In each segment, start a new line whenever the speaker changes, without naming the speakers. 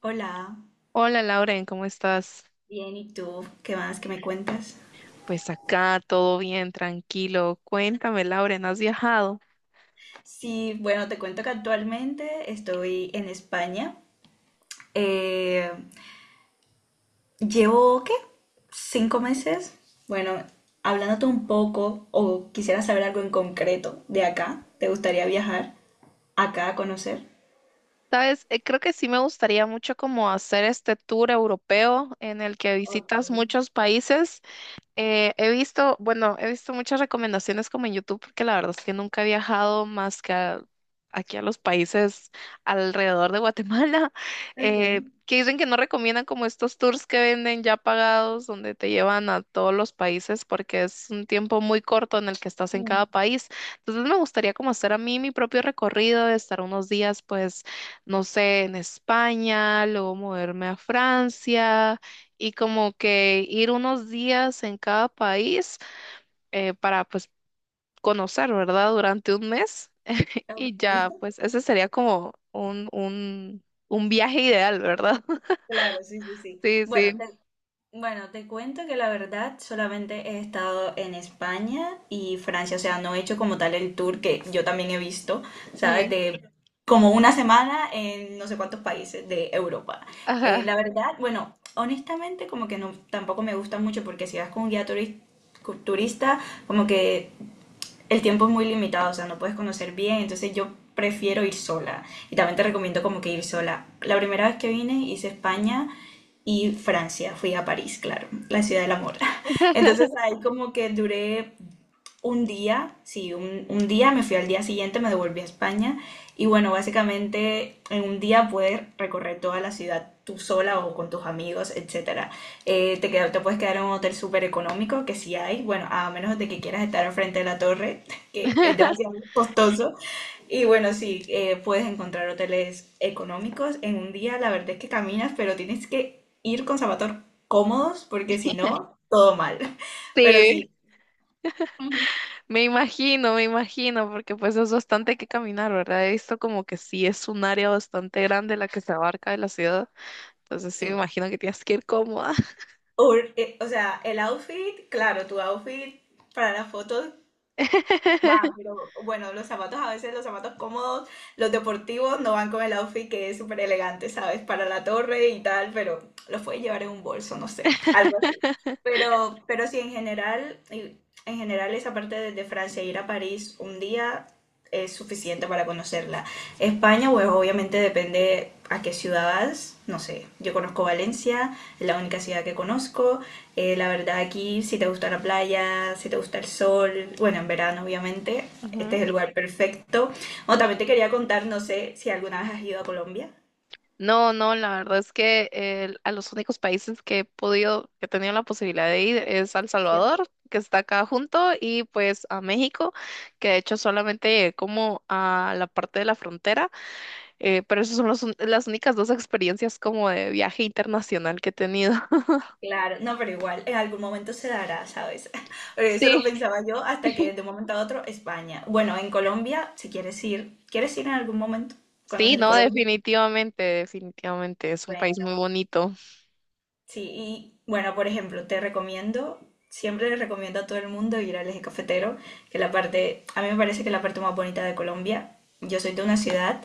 Hola,
Hola Lauren, ¿cómo estás?
bien, ¿y tú? ¿Qué más que me cuentas?
Pues acá todo bien, tranquilo. Cuéntame, Lauren, ¿has viajado?
Sí, bueno, te cuento que actualmente estoy en España. Eh, llevo, ¿qué? ¿Cinco meses? Bueno, hablándote un poco o quisiera saber algo en concreto de acá. ¿Te gustaría viajar acá a conocer?
Sabes, creo que sí me gustaría mucho como hacer este tour europeo en el que
Ok,
visitas muchos países. He visto, bueno, he visto muchas recomendaciones como en YouTube, porque la verdad es que nunca he viajado más que aquí a los países alrededor de Guatemala,
ok,
que dicen que no recomiendan como estos tours que venden ya pagados, donde te llevan a todos los países, porque es un tiempo muy corto en el que estás en cada
mm,
país. Entonces me gustaría como hacer a mí mi propio recorrido, de estar unos días, pues, no sé, en España, luego moverme a Francia y como que ir unos días en cada país para pues conocer, ¿verdad? Durante un mes
ok,
y ya, pues ese sería como un viaje ideal, ¿verdad?
Claro, sí, sí, sí.
Sí,
Bueno,
sí.
Bueno, te cuento que la verdad solamente he estado en España y Francia, o sea, no he hecho como tal el tour que yo también he visto, ¿sabes?
Ok.
De como una semana en no sé cuántos países de Europa.
Ajá.
La verdad, bueno, honestamente como que no, tampoco me gusta mucho porque si vas con un turista, como que el tiempo es muy limitado, o sea, no puedes conocer bien, entonces yo prefiero ir sola. Y también te recomiendo como que ir sola. La primera vez que vine hice España y Francia, fui a París, claro, la ciudad del amor. Entonces ahí como que duré un día, sí, un día, me fui al día siguiente, me devolví a España y bueno, básicamente en un día puedes recorrer toda la ciudad tú sola o con tus amigos, etcétera. Te puedes quedar en un hotel súper económico, que sí hay, bueno, a menos de que quieras estar al frente de la torre, que es demasiado costoso. Y bueno, sí, puedes encontrar hoteles económicos. En un día la verdad es que caminas, pero tienes que ir con zapatos cómodos porque si no, todo mal. Pero
Sí,
sí, Ujú.
me imagino, porque pues es bastante que caminar, ¿verdad? He visto como que sí es un área bastante grande la que se abarca de la ciudad, entonces sí me
Sí.
imagino que tienes que ir cómoda.
O sea, el outfit, claro, tu outfit para las fotos va, pero bueno, los zapatos a veces, los zapatos cómodos, los deportivos no van con el outfit que es súper elegante, ¿sabes? Para la torre y tal, pero los puedes llevar en un bolso, no sé, algo así. Pero sí, en general esa parte desde Francia, ir a París un día es suficiente para conocerla. España, pues obviamente depende a qué ciudad vas, no sé, yo conozco Valencia, es la única ciudad que conozco. La verdad aquí si te gusta la playa, si te gusta el sol, bueno, en verano obviamente, este
Ujú.
es el lugar perfecto. O también te quería contar, no sé si alguna vez has ido a Colombia,
No, no, la verdad es que a los únicos países que he podido, que he tenido la posibilidad de ir es a El
¿cierto?
Salvador, que está acá junto, y pues a México, que de hecho solamente llegué como a la parte de la frontera, pero esas son las únicas dos experiencias como de viaje internacional que he tenido.
Claro, no, pero igual, en algún momento se dará, ¿sabes? Porque eso
Sí.
lo pensaba yo hasta que de un momento a otro España. Bueno, en Colombia, si quieres ir, ¿quieres ir en algún momento?
Sí,
Conocer
no,
Colombia.
definitivamente, definitivamente, es un país
Bueno,
muy bonito.
sí, y bueno, por ejemplo, te recomiendo, siempre le recomiendo a todo el mundo ir al Eje Cafetero, que la parte, a mí me parece que es la parte más bonita de Colombia. Yo soy de una ciudad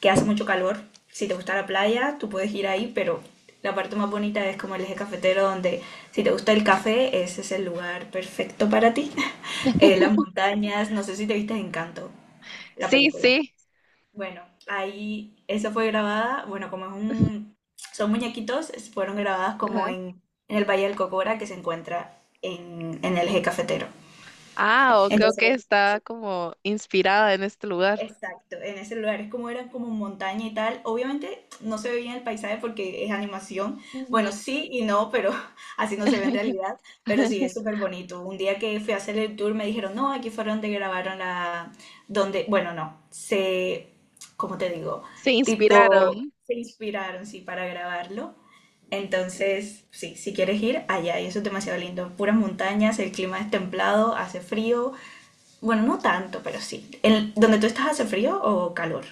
que hace mucho calor. Si te gusta la playa, tú puedes ir ahí, pero la parte más bonita es como el Eje Cafetero, donde si te gusta el café, ese es el lugar perfecto para ti. Las montañas, no sé si te viste Encanto, la
Sí,
película.
sí.
Bueno, ahí eso fue grabada, bueno, son muñequitos, fueron grabadas
Ajá.
en el Valle del Cocora que se encuentra en el Eje Cafetero.
Ah, o creo que
Entonces
está como inspirada en este lugar.
exacto, en ese lugar es como eran como montaña y tal. Obviamente no se ve bien el paisaje porque es animación.
Ujú.
Bueno, sí y no, pero así no se ve en realidad. Pero sí es súper bonito. Un día que fui a hacer el tour me dijeron, no, aquí fueron donde grabaron la, donde, bueno, no, se, ¿cómo te digo?
Se
Tipo,
inspiraron.
se inspiraron, sí, para grabarlo. Entonces, sí, si quieres ir allá, y eso es demasiado lindo. Puras montañas, el clima es templado, hace frío, bueno, no tanto, pero sí. ¿En donde tú estás hace frío o calor?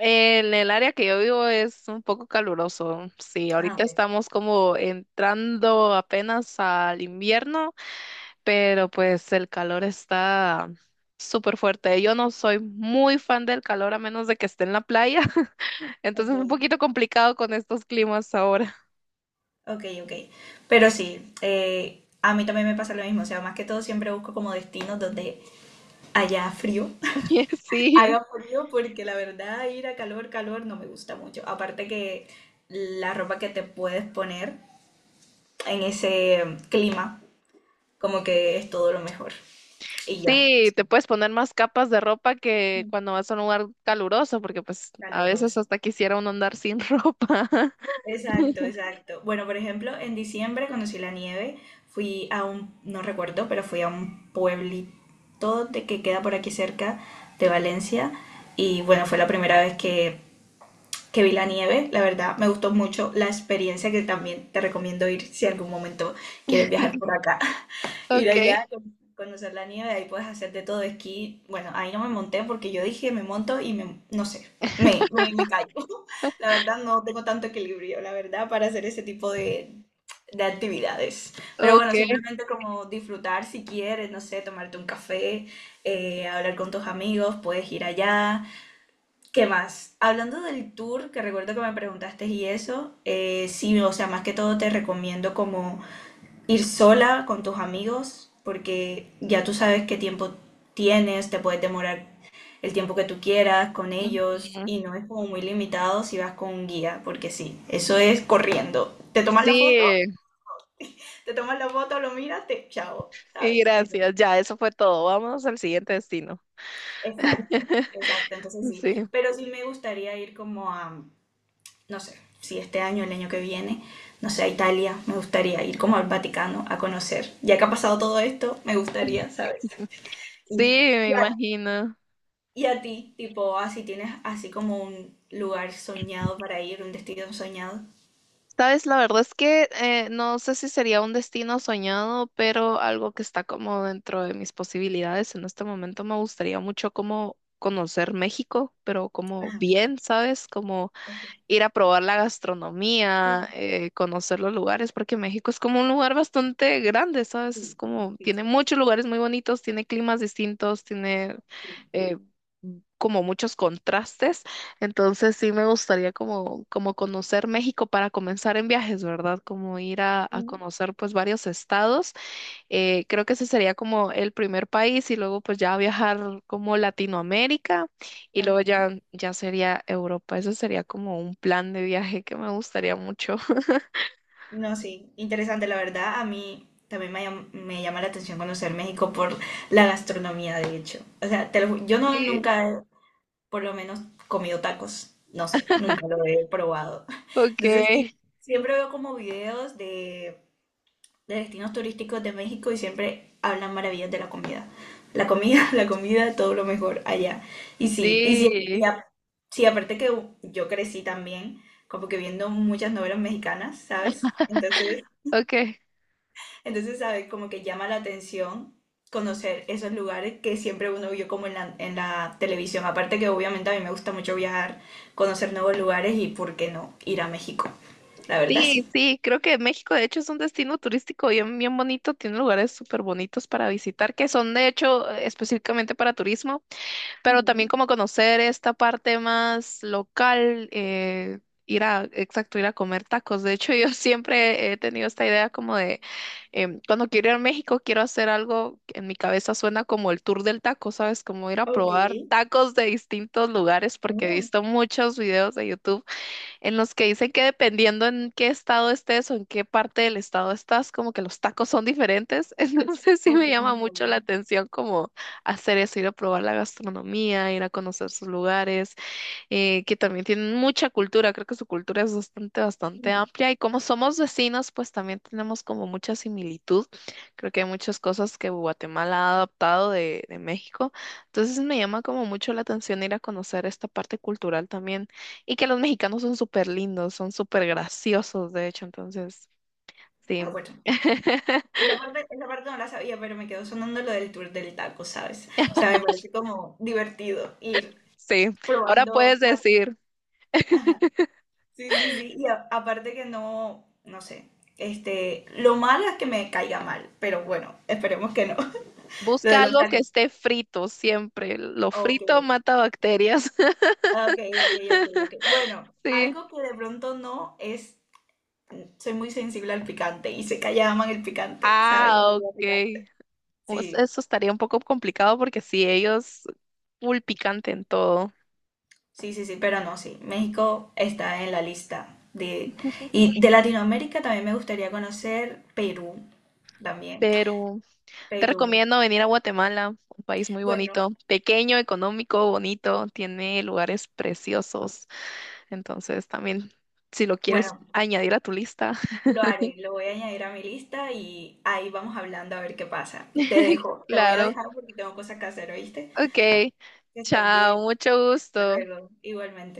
En el área que yo vivo es un poco caluroso. Sí,
Ah,
ahorita
ok.
estamos como entrando apenas al invierno, pero pues el calor está súper fuerte. Yo no soy muy fan del calor a menos de que esté en la playa, entonces
Ok.
es un poquito complicado con estos climas ahora.
Ok, ok. Pero sí, a mí también me pasa lo mismo. O sea, más que todo siempre busco como destinos donde haya frío,
Sí.
haga frío, porque la verdad ir a calor, calor no me gusta mucho. Aparte que la ropa que te puedes poner en ese clima, como que es todo lo mejor. Y ya.
Sí, te puedes poner más capas de ropa que
Mm.
cuando vas a un lugar caluroso, porque pues a veces
Caluroso.
hasta quisiera uno andar sin ropa.
Exacto, exacto. Bueno, por ejemplo, en diciembre conocí la nieve, fui a un, no recuerdo, pero fui a un pueblito de que queda por aquí cerca de Valencia y bueno, fue la primera vez que vi la nieve, la verdad me gustó mucho la experiencia que también te recomiendo ir si algún momento quieres viajar por acá. Ir
Ok.
allá, conocer la nieve, ahí puedes hacer de todo esquí. Bueno, ahí no me monté porque yo dije, me monto y me, no sé, me caigo. La verdad, no tengo tanto equilibrio, la verdad, para hacer ese tipo de actividades. Pero bueno,
Ok.
simplemente como disfrutar si quieres, no sé, tomarte un café, hablar con tus amigos, puedes ir allá. ¿Qué más? Hablando del tour, que recuerdo que me preguntaste y eso, sí, o sea, más que todo te recomiendo como ir sola con tus amigos, porque ya tú sabes qué tiempo tienes, te puedes demorar el tiempo que tú quieras con ellos
Ujú.
y no es como muy limitado si vas con un guía, porque sí, eso es corriendo. Te tomas la foto,
Sí,
te tomas la foto, lo miras, te chao,
y
¿sabes? Entonces,
gracias. Ya, eso fue todo. Vámonos al siguiente destino.
exacto, exacto, entonces sí,
Sí,
pero sí me gustaría ir como a, no sé, si este año, el año que viene, no sé, a Italia, me gustaría ir como al Vaticano a conocer. Ya que ha pasado todo esto, me gustaría, ¿sabes?
sí,
Y-
me
Y a,
imagino.
y a ti, tipo, así tienes así como un lugar soñado para ir, un destino soñado.
Sabes, la verdad es que no sé si sería un destino soñado, pero algo que está como dentro de mis posibilidades. En este momento me gustaría mucho como conocer México, pero como
Ah,
bien, ¿sabes? Como
ok.
ir a probar la gastronomía,
Mm,
conocer los lugares, porque México es como un lugar bastante grande, ¿sabes? Es
sí,
como,
sí,
tiene
sí.
muchos lugares muy bonitos, tiene climas distintos, tiene
Sí.
eh, como muchos contrastes. Entonces sí me gustaría como conocer México para comenzar en viajes, ¿verdad? Como ir a
Mm,
conocer pues varios estados creo que ese sería como el primer país y luego pues ya viajar como Latinoamérica y luego
ok.
ya, ya sería Europa. Ese sería como un plan de viaje que me gustaría mucho.
No, sí, interesante, la verdad. A mí también me llama la atención conocer México por la gastronomía, de hecho. O sea, yo no
Sí,
nunca he, por lo menos, comido tacos. No sé, nunca lo he probado. Entonces,
okay,
sí, siempre veo como videos de destinos turísticos de México y siempre hablan maravillas de la comida. La comida, la comida, todo lo mejor allá. Y sí, y sí, y
sí,
a- sí, aparte que yo crecí también, como que viendo muchas novelas mexicanas, ¿sabes?
okay.
Entonces, ¿sabes? Como que llama la atención conocer esos lugares que siempre uno vio como en la televisión. Aparte que obviamente a mí me gusta mucho viajar, conocer nuevos lugares y, ¿por qué no?, ir a México. La verdad,
Sí,
sí.
sí, creo que México de hecho es un destino turístico bien, bien bonito, tiene lugares súper bonitos para visitar, que son de hecho específicamente para turismo, pero también
Ujú.
como conocer esta parte más local, ir a, exacto, ir a comer tacos. De hecho, yo siempre he tenido esta idea como de, em, cuando quiero ir a México, quiero hacer algo que en mi cabeza suena como el tour del taco, ¿sabes? Como ir a
Ok.
probar tacos de distintos lugares, porque he
Oh,
visto muchos videos de YouTube en los que dicen que dependiendo en qué estado estés o en qué parte del estado estás, como que los tacos son diferentes. Entonces sí
ok,
me llama
no
mucho la
sabía.
atención como hacer eso, ir a probar la gastronomía, ir a conocer sus lugares que también tienen mucha cultura, creo que su cultura es bastante, bastante
Mm,
amplia y como somos vecinos, pues también tenemos como mucha similitud. Creo que hay muchas cosas que Guatemala ha adaptado de México, entonces me llama como mucho la atención ir a conocer esta parte cultural también y que los mexicanos son súper lindos, son súper graciosos, de hecho, entonces,
ah,
sí.
bueno. Esa parte no la sabía, pero me quedó sonando lo del tour del taco, ¿sabes? O sea, me parece como divertido ir
Sí, ahora
probando
puedes
tacos.
decir,
Ajá. Sí, sí, sí. Aparte que no, no sé, este, lo malo es que me caiga mal, pero bueno, esperemos que no. Lo de
busca
los
algo que
tacos.
esté frito siempre. Lo
Ok,
frito mata bacterias.
ok, ok, ok, ok. Bueno,
Sí.
algo que de pronto no es, soy muy sensible al picante y se que allá aman el picante, ¿sabes? La
Ah,
comida
ok.
picante.
Pues
Sí.
eso estaría un poco complicado porque sí, ellos full picante en todo.
Sí, sí, sí, pero no, sí. México está en la lista de... Y de Latinoamérica también me gustaría conocer Perú, también.
Pero te
Perú.
recomiendo venir a Guatemala, un país muy
Bueno,
bonito, pequeño, económico, bonito, tiene lugares preciosos. Entonces también, si lo quieres
bueno,
añadir a tu lista,
lo haré, lo voy a añadir a mi lista y ahí vamos hablando a ver qué pasa. Te dejo, te voy a
claro.
dejar porque tengo cosas que hacer, ¿oíste?
Ok,
Que estés
chao,
bien.
mucho
Hasta
gusto.
luego. Igualmente.